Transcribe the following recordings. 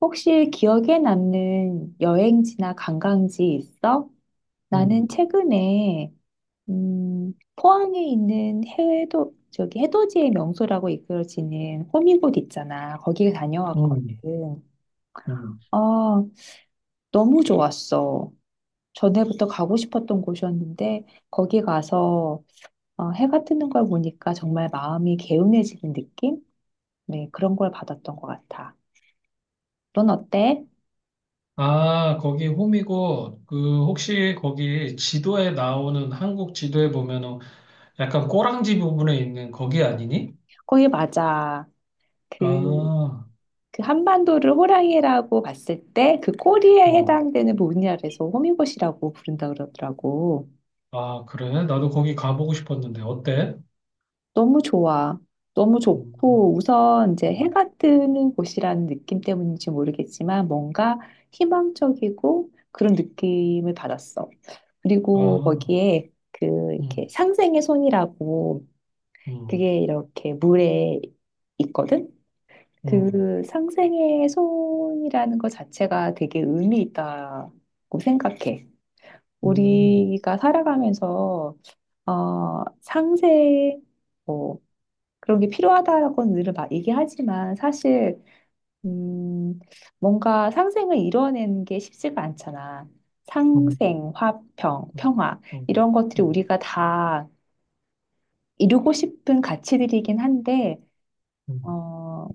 혹시 기억에 남는 여행지나 관광지 있어? 음. 나는 최근에 포항에 있는 해도 저기 해돋이의 명소라고 이끌어지는 호미곶 있잖아. 거기에 음. 다녀왔거든. 음. 아, 너무 좋았어. 전에부터 가고 싶었던 곳이었는데 거기 가서 해가 뜨는 걸 보니까 정말 마음이 개운해지는 느낌? 네, 그런 걸 받았던 것 같아. 넌 어때? 아, 거기 홈이고, 그, 혹시 거기 지도에 나오는, 한국 지도에 보면은 약간 꼬랑지 부분에 있는 거기 아니니? 거기 맞아. 그 아, 그 한반도를 호랑이라고 봤을 때 그 꼬리에 어. 해당되는 부분이라서 호미곶이라고 부른다 그러더라고. 아, 그래? 나도 거기 가보고 싶었는데, 어때? 너무 좋아. 너무 음. 좋고 우선 이제 음. 해가 뜨는 곳이라는 느낌 때문인지 모르겠지만 뭔가 희망적이고 그런 느낌을 받았어. 그리고 아. 거기에 그 이렇게 음. 상생의 손이라고 음. 그게 이렇게 물에 있거든. 음. 그 상생의 손이라는 것 자체가 되게 의미 있다고 생각해. 음. 우리가 살아가면서 상생, 뭐, 그런 게 필요하다라고는 늘 막 얘기하지만 사실, 음, 뭔가 상생을 이뤄내는 게 쉽지가 않잖아. 음. 상생, 화평, 음. 평화, 음. 이런 것들이 음. 우리가 다 이루고 싶은 가치들이긴 한데, 음. 어,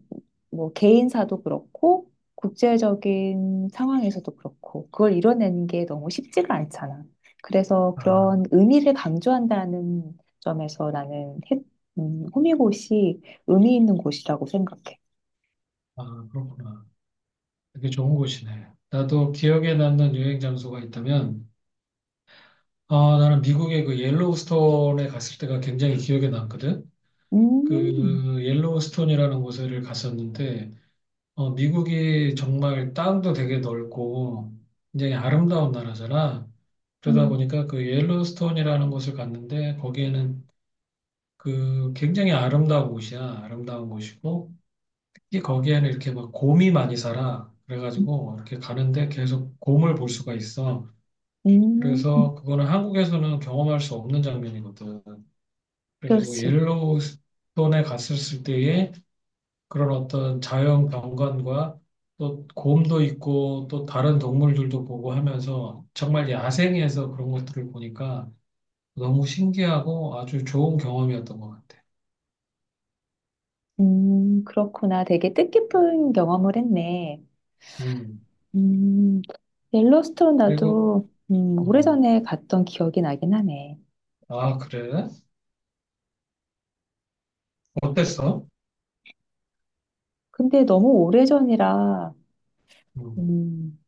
뭐 개인사도 그렇고 국제적인 상황에서도 그렇고 그걸 이뤄내는 게 너무 쉽지가 않잖아. 그래서 아, 그런 의미를 강조한다는 점에서 호미곶이 의미 있는 곳이라고 생각해. 아, 그렇구나. 되게 좋은 곳이네. 나도 기억에 남는 여행 장소가 있다면, 아, 나는 미국의 그 옐로우스톤에 갔을 때가 굉장히 기억에 남거든. 음, 그 옐로우스톤이라는 곳을 갔었는데, 어, 미국이 정말 땅도 되게 넓고 굉장히 아름다운 나라잖아. 그러다 음, 보니까 그 옐로우스톤이라는 곳을 갔는데 거기에는 그 굉장히 아름다운 곳이야. 아름다운 곳이고 특히 거기에는 이렇게 막 곰이 많이 살아. 그래가지고 이렇게 가는데 계속 곰을 볼 수가 있어. 음, 그래서 그거는 한국에서는 경험할 수 없는 장면이거든. 그래가지고 그렇지. 옐로우스톤에 갔을 때의 그런 어떤 자연 경관과 또 곰도 있고 또 다른 동물들도 보고 하면서 정말 야생에서 그런 것들을 보니까 너무 신기하고 아주 좋은 경험이었던 것 같아. 그렇구나. 되게 뜻깊은 경험을 했네. 음. 음, 옐로스톤 그리고 나도 음. 오래전에 갔던 기억이 나긴 하네. 아, 그래? 어땠어? 근데 너무 오래전이라, 음. 음,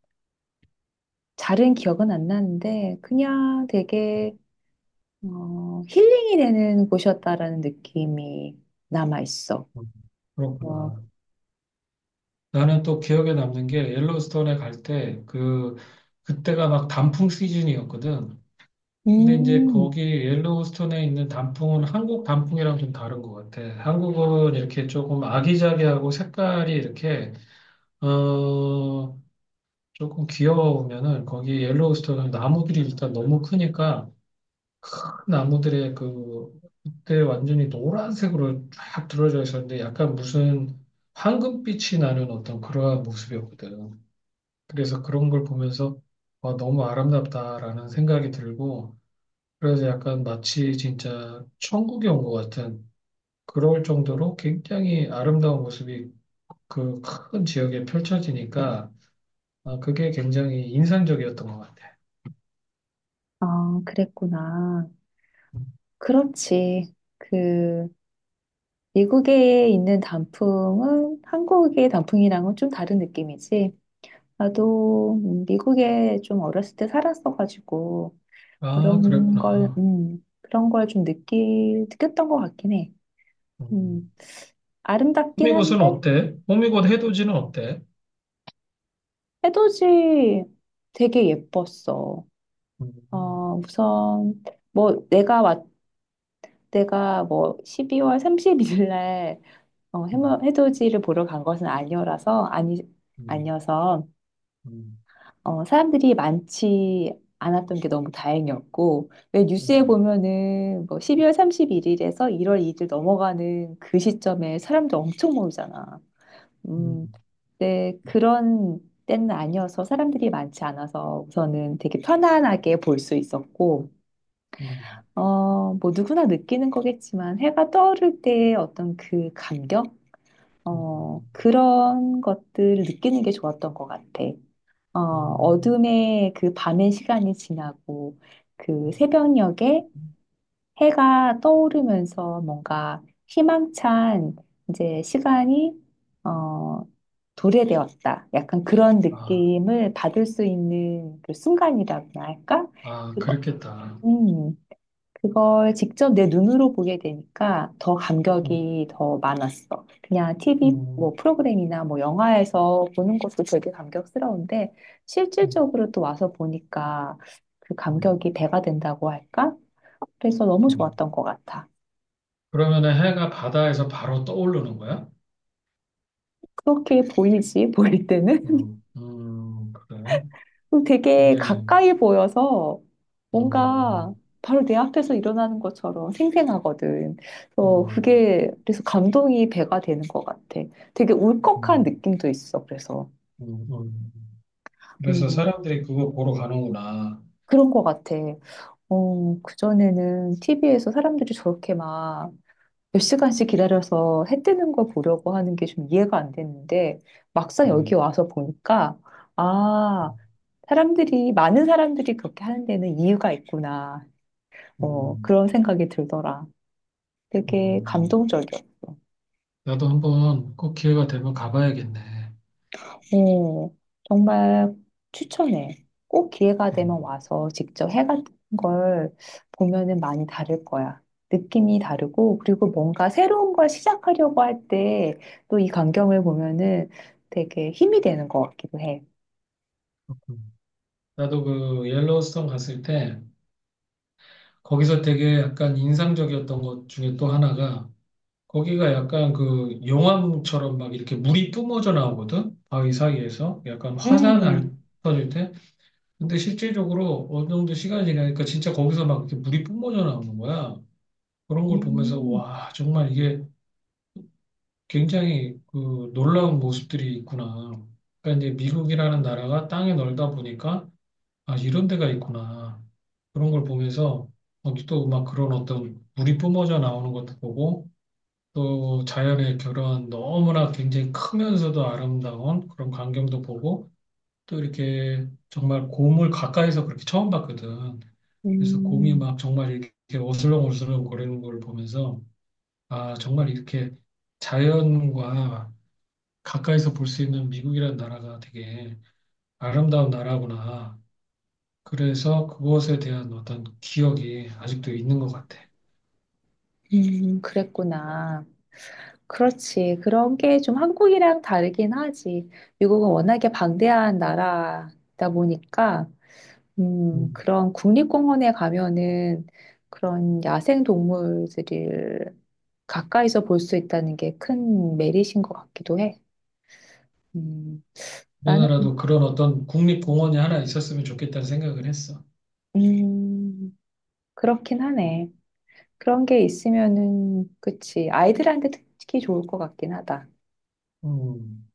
잘은 기억은 안 나는데, 그냥 되게, 힐링이 되는 곳이었다라는 느낌이 남아있어. 음. 어, 그렇구나. 나는 또 기억에 남는 게 옐로우스톤에 갈 때 그때가 막 단풍 시즌이었거든. 근데 이제 음, 거기 옐로우스톤에 있는 단풍은 한국 단풍이랑 좀 다른 것 같아. 한국은 이렇게 조금 아기자기하고 색깔이 이렇게, 어, 조금 귀여우면은 거기 옐로우스톤은 나무들이 일단 너무 크니까 큰 나무들의 그, 그때 완전히 노란색으로 쫙 들어져 있었는데 약간 무슨 황금빛이 나는 어떤 그러한 모습이었거든. 그래서 그런 걸 보면서 와, 너무 아름답다라는 생각이 들고 그래서 약간 마치 진짜 천국에 온 것 같은 그럴 정도로 굉장히 아름다운 모습이 그 큰 지역에 펼쳐지니까 아, 그게 굉장히 인상적이었던 것 같아. 아, 그랬구나. 그렇지. 그, 미국에 있는 단풍은 한국의 단풍이랑은 좀 다른 느낌이지. 나도 미국에 좀 어렸을 때 살았어가지고, 아, 그런 걸, 그랬구나. 그런 걸 좀 느꼈던 것 같긴 해. 음. 음, 아름답긴 한데 호미곶은 어때? 호미곶 해돋이는 어때? 해돋이 되게 예뻤어. 음. 우선 뭐 내가뭐 12월 3십일 날 음. 해돋이를 보러 간 것은 아니어라서 아니 아니어서 음. 사람들이 많지 않았던 게 너무 다행이었고 왜 뉴스에 음. 보면은 뭐 12월 31일에서 1월 2일 넘어가는 그 시점에 사람들 엄청 모이잖아. 음. 음. 네, 그런 때는 아니어서 사람들이 많지 않아서 우선은 되게 편안하게 볼 수 있었고, 음. 뭐 누구나 느끼는 거겠지만 해가 떠오를 때의 어떤 그 감격? 음. 음. 그런 것들을 느끼는 게 좋았던 것 같아. 어, 음. 어둠의 그 밤의 시간이 지나고, 그 음. 새벽녘에 해가 떠오르면서 뭔가 희망찬 이제 시간이 어, 도래되었다. 약간 그런 아, 느낌을 받을 수 있는 그 순간이라고나 할까? 아, 그 그거, 렇겠다 음. 그걸 직접 내 눈으로 보게 되니까 더 음. 감격이 더 많았어. 그냥 TV 뭐 음. 프로그램이나 뭐 영화에서 보는 것도 되게 감격스러운데 음. 실질적으로 또 와서 보니까 그 음. 감격이 배가 된다고 할까? 그래서 너무 음. 좋았던 것 같아. 그러면은 해가 바다에서 바로 떠오르는 거야? 그렇게 보이지, 보일 때는? 그래. 되게 굉장히, 가까이 보여서 어 뭔가 어 바로 내 앞에서 일어나는 것처럼 생생하거든. 그래서 음. 그게 그래서 감동이 배가 되는 것 같아. 되게 울컥한 음. 느낌도 있어. 그래서 음. 음. 그래서 음, 사람들이 그거 보러 가는구나. 그런 것 같아. 그전에는 TV에서 사람들이 저렇게 막 몇 시간씩 기다려서 해 뜨는 걸 보려고 하는 게 좀 이해가 안 됐는데 막상 여기 음. 와서 보니까 음. 아, 많은 사람들이 그렇게 하는 데는 이유가 있구나. 뭐 음. 그런 생각이 들더라. 되게 음. 감동적이었어. 나도 한번 꼭 기회가 되면 가봐야겠네. 어, 정말 추천해. 꼭 기회가 어. 되면 와서 직접 해 같은 걸 보면은 많이 다를 거야. 느낌이 다르고, 그리고 뭔가 새로운 걸 시작하려고 할 때 또 이 광경을 보면은 되게 힘이 되는 것 같기도 해. 음. 나도 그 옐로우스톤 갔을 때 거기서 되게 약간 인상적이었던 것 중에 또 하나가 거기가 약간 그 용암처럼 막 이렇게 물이 뿜어져 나오거든. 바위 사이에서 약간 화산 알 음, 터질 때. 근데 실제적으로 어느 정도 시간이 지나니까 진짜 거기서 막 이렇게 물이 뿜어져 나오는 거야. 그런 걸 보면서 음, 와, 정말 이게 굉장히 그 놀라운 모습들이 있구나. 그러니까 이제 미국이라는 나라가 땅이 넓다 보니까 아, 이런 데가 있구나. 그런 걸 보면서 또 막 그런 어떤 물이 뿜어져 나오는 것도 보고 또 자연의 그런 너무나 굉장히 크면서도 아름다운 그런 광경도 보고 또 이렇게 정말 곰을 가까이서 그렇게 처음 봤거든. 그래서 곰이 음. 막 정말 이렇게 어슬렁어슬렁 거리는 걸 보면서 아, 정말 이렇게 자연과 가까이서 볼 수 있는 미국이라는 나라가 되게 아름다운 나라구나. 그래서 그것에 대한 어떤 기억이 아직도 있는 것 같아. 그랬구나. 그렇지. 그런 게 좀 한국이랑 다르긴 하지. 미국은 워낙에 방대한 나라다 보니까, 음. 그런 국립공원에 가면은 그런 야생 동물들을 가까이서 볼 수 있다는 게 큰 메리트인 것 같기도 해. 음, 나는, 우리나라도 그런 어떤 국립공원이 하나 있었으면 좋겠다는 생각을 했어. 음, 그렇긴 하네. 그런 게 있으면은, 그치. 아이들한테 특히 좋을 것 같긴 하다. 음.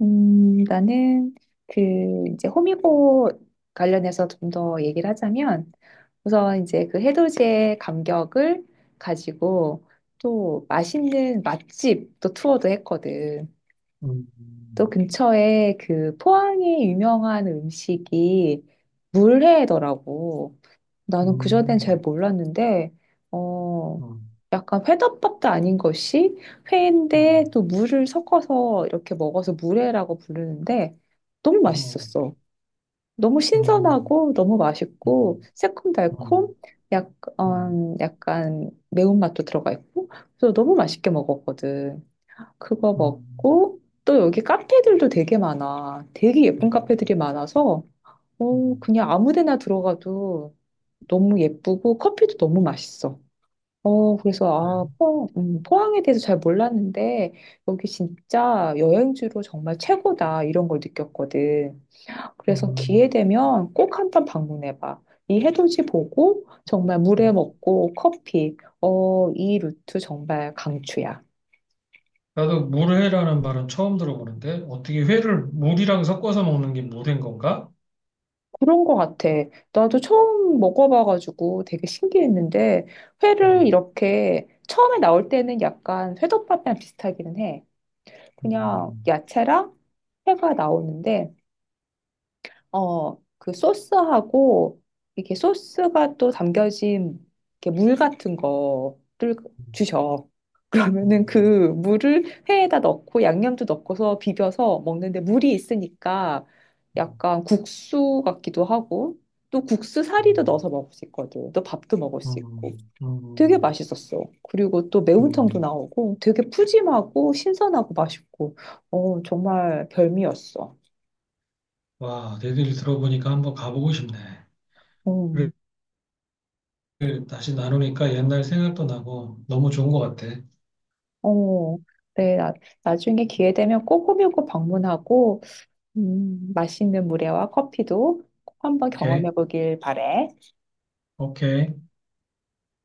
나는 그 이제 호미곶 관련해서 좀 더 얘기를 하자면 우선 이제 그 해돋이의 감격을 가지고 또 맛있는 맛집 또 투어도 했거든. 또 음. 근처에 그 포항의 유명한 음식이 물회더라고. 나는 그전엔 잘 음. 몰랐는데, 어, 음. 약간 회덮밥도 아닌 것이 음. 회인데 음. 또 물을 섞어서 이렇게 먹어서 물회라고 부르는데 너무 음. 맛있었어. 너무 음. 신선하고 너무 맛있고 새콤달콤 음. 음. 약간 매운맛도 들어가 있고 그래서 너무 맛있게 먹었거든. 그거 음. 먹고 또 여기 카페들도 되게 많아. 되게 예쁜 음. 카페들이 많아서 음. 그냥 아무 데나 들어가도 너무 예쁘고 커피도 너무 맛있어. 그래서 네. 포항에 대해서 잘 몰랐는데 여기 진짜 여행지로 정말 최고다 이런 걸 느꼈거든. 그래서 기회 음. 되면 꼭 한 번 방문해 봐. 이 해돋이 보고 정말 물회 음. 먹고 커피. 이 루트 정말 강추야. 나도 물회라는 말은 처음 들어보는데 어떻게 회를 물이랑 섞어서 먹는 게 물회인 건가? 그런 거 같아. 나도 처음 먹어봐가지고 되게 신기했는데 회를 음. 이렇게 처음에 나올 때는 약간 회덮밥이랑 비슷하기는 해. 그냥 음. 야채랑 회가 나오는데, 그 소스하고, 이렇게 소스가 또 담겨진 이렇게 물 같은 거를 주셔. 그러면은 그 음. 물을 회에다 넣고 양념도 넣고서 비벼서 먹는데 물이 있으니까 약간 국수 같기도 하고, 또 국수 사리도 음. 넣어서 먹을 수 있거든. 또 밥도 먹을 수 있고. 음. 음. 되게 음. 맛있었어. 그리고 또 매운탕도 음. 나오고 되게 푸짐하고 신선하고 맛있고, 정말 별미였어. 와, 내 얘기를 들어보니까 한번 가보고 싶네. 음, 그래, 다시 나누니까 옛날 생각도 나고 너무 좋은 것 같아. 어, 네, 나중에 기회 되면 꼭 호명고 방문하고, 맛있는 물회와 커피도 꼭 한번 오케이, 경험해 보길 바래. 오케이.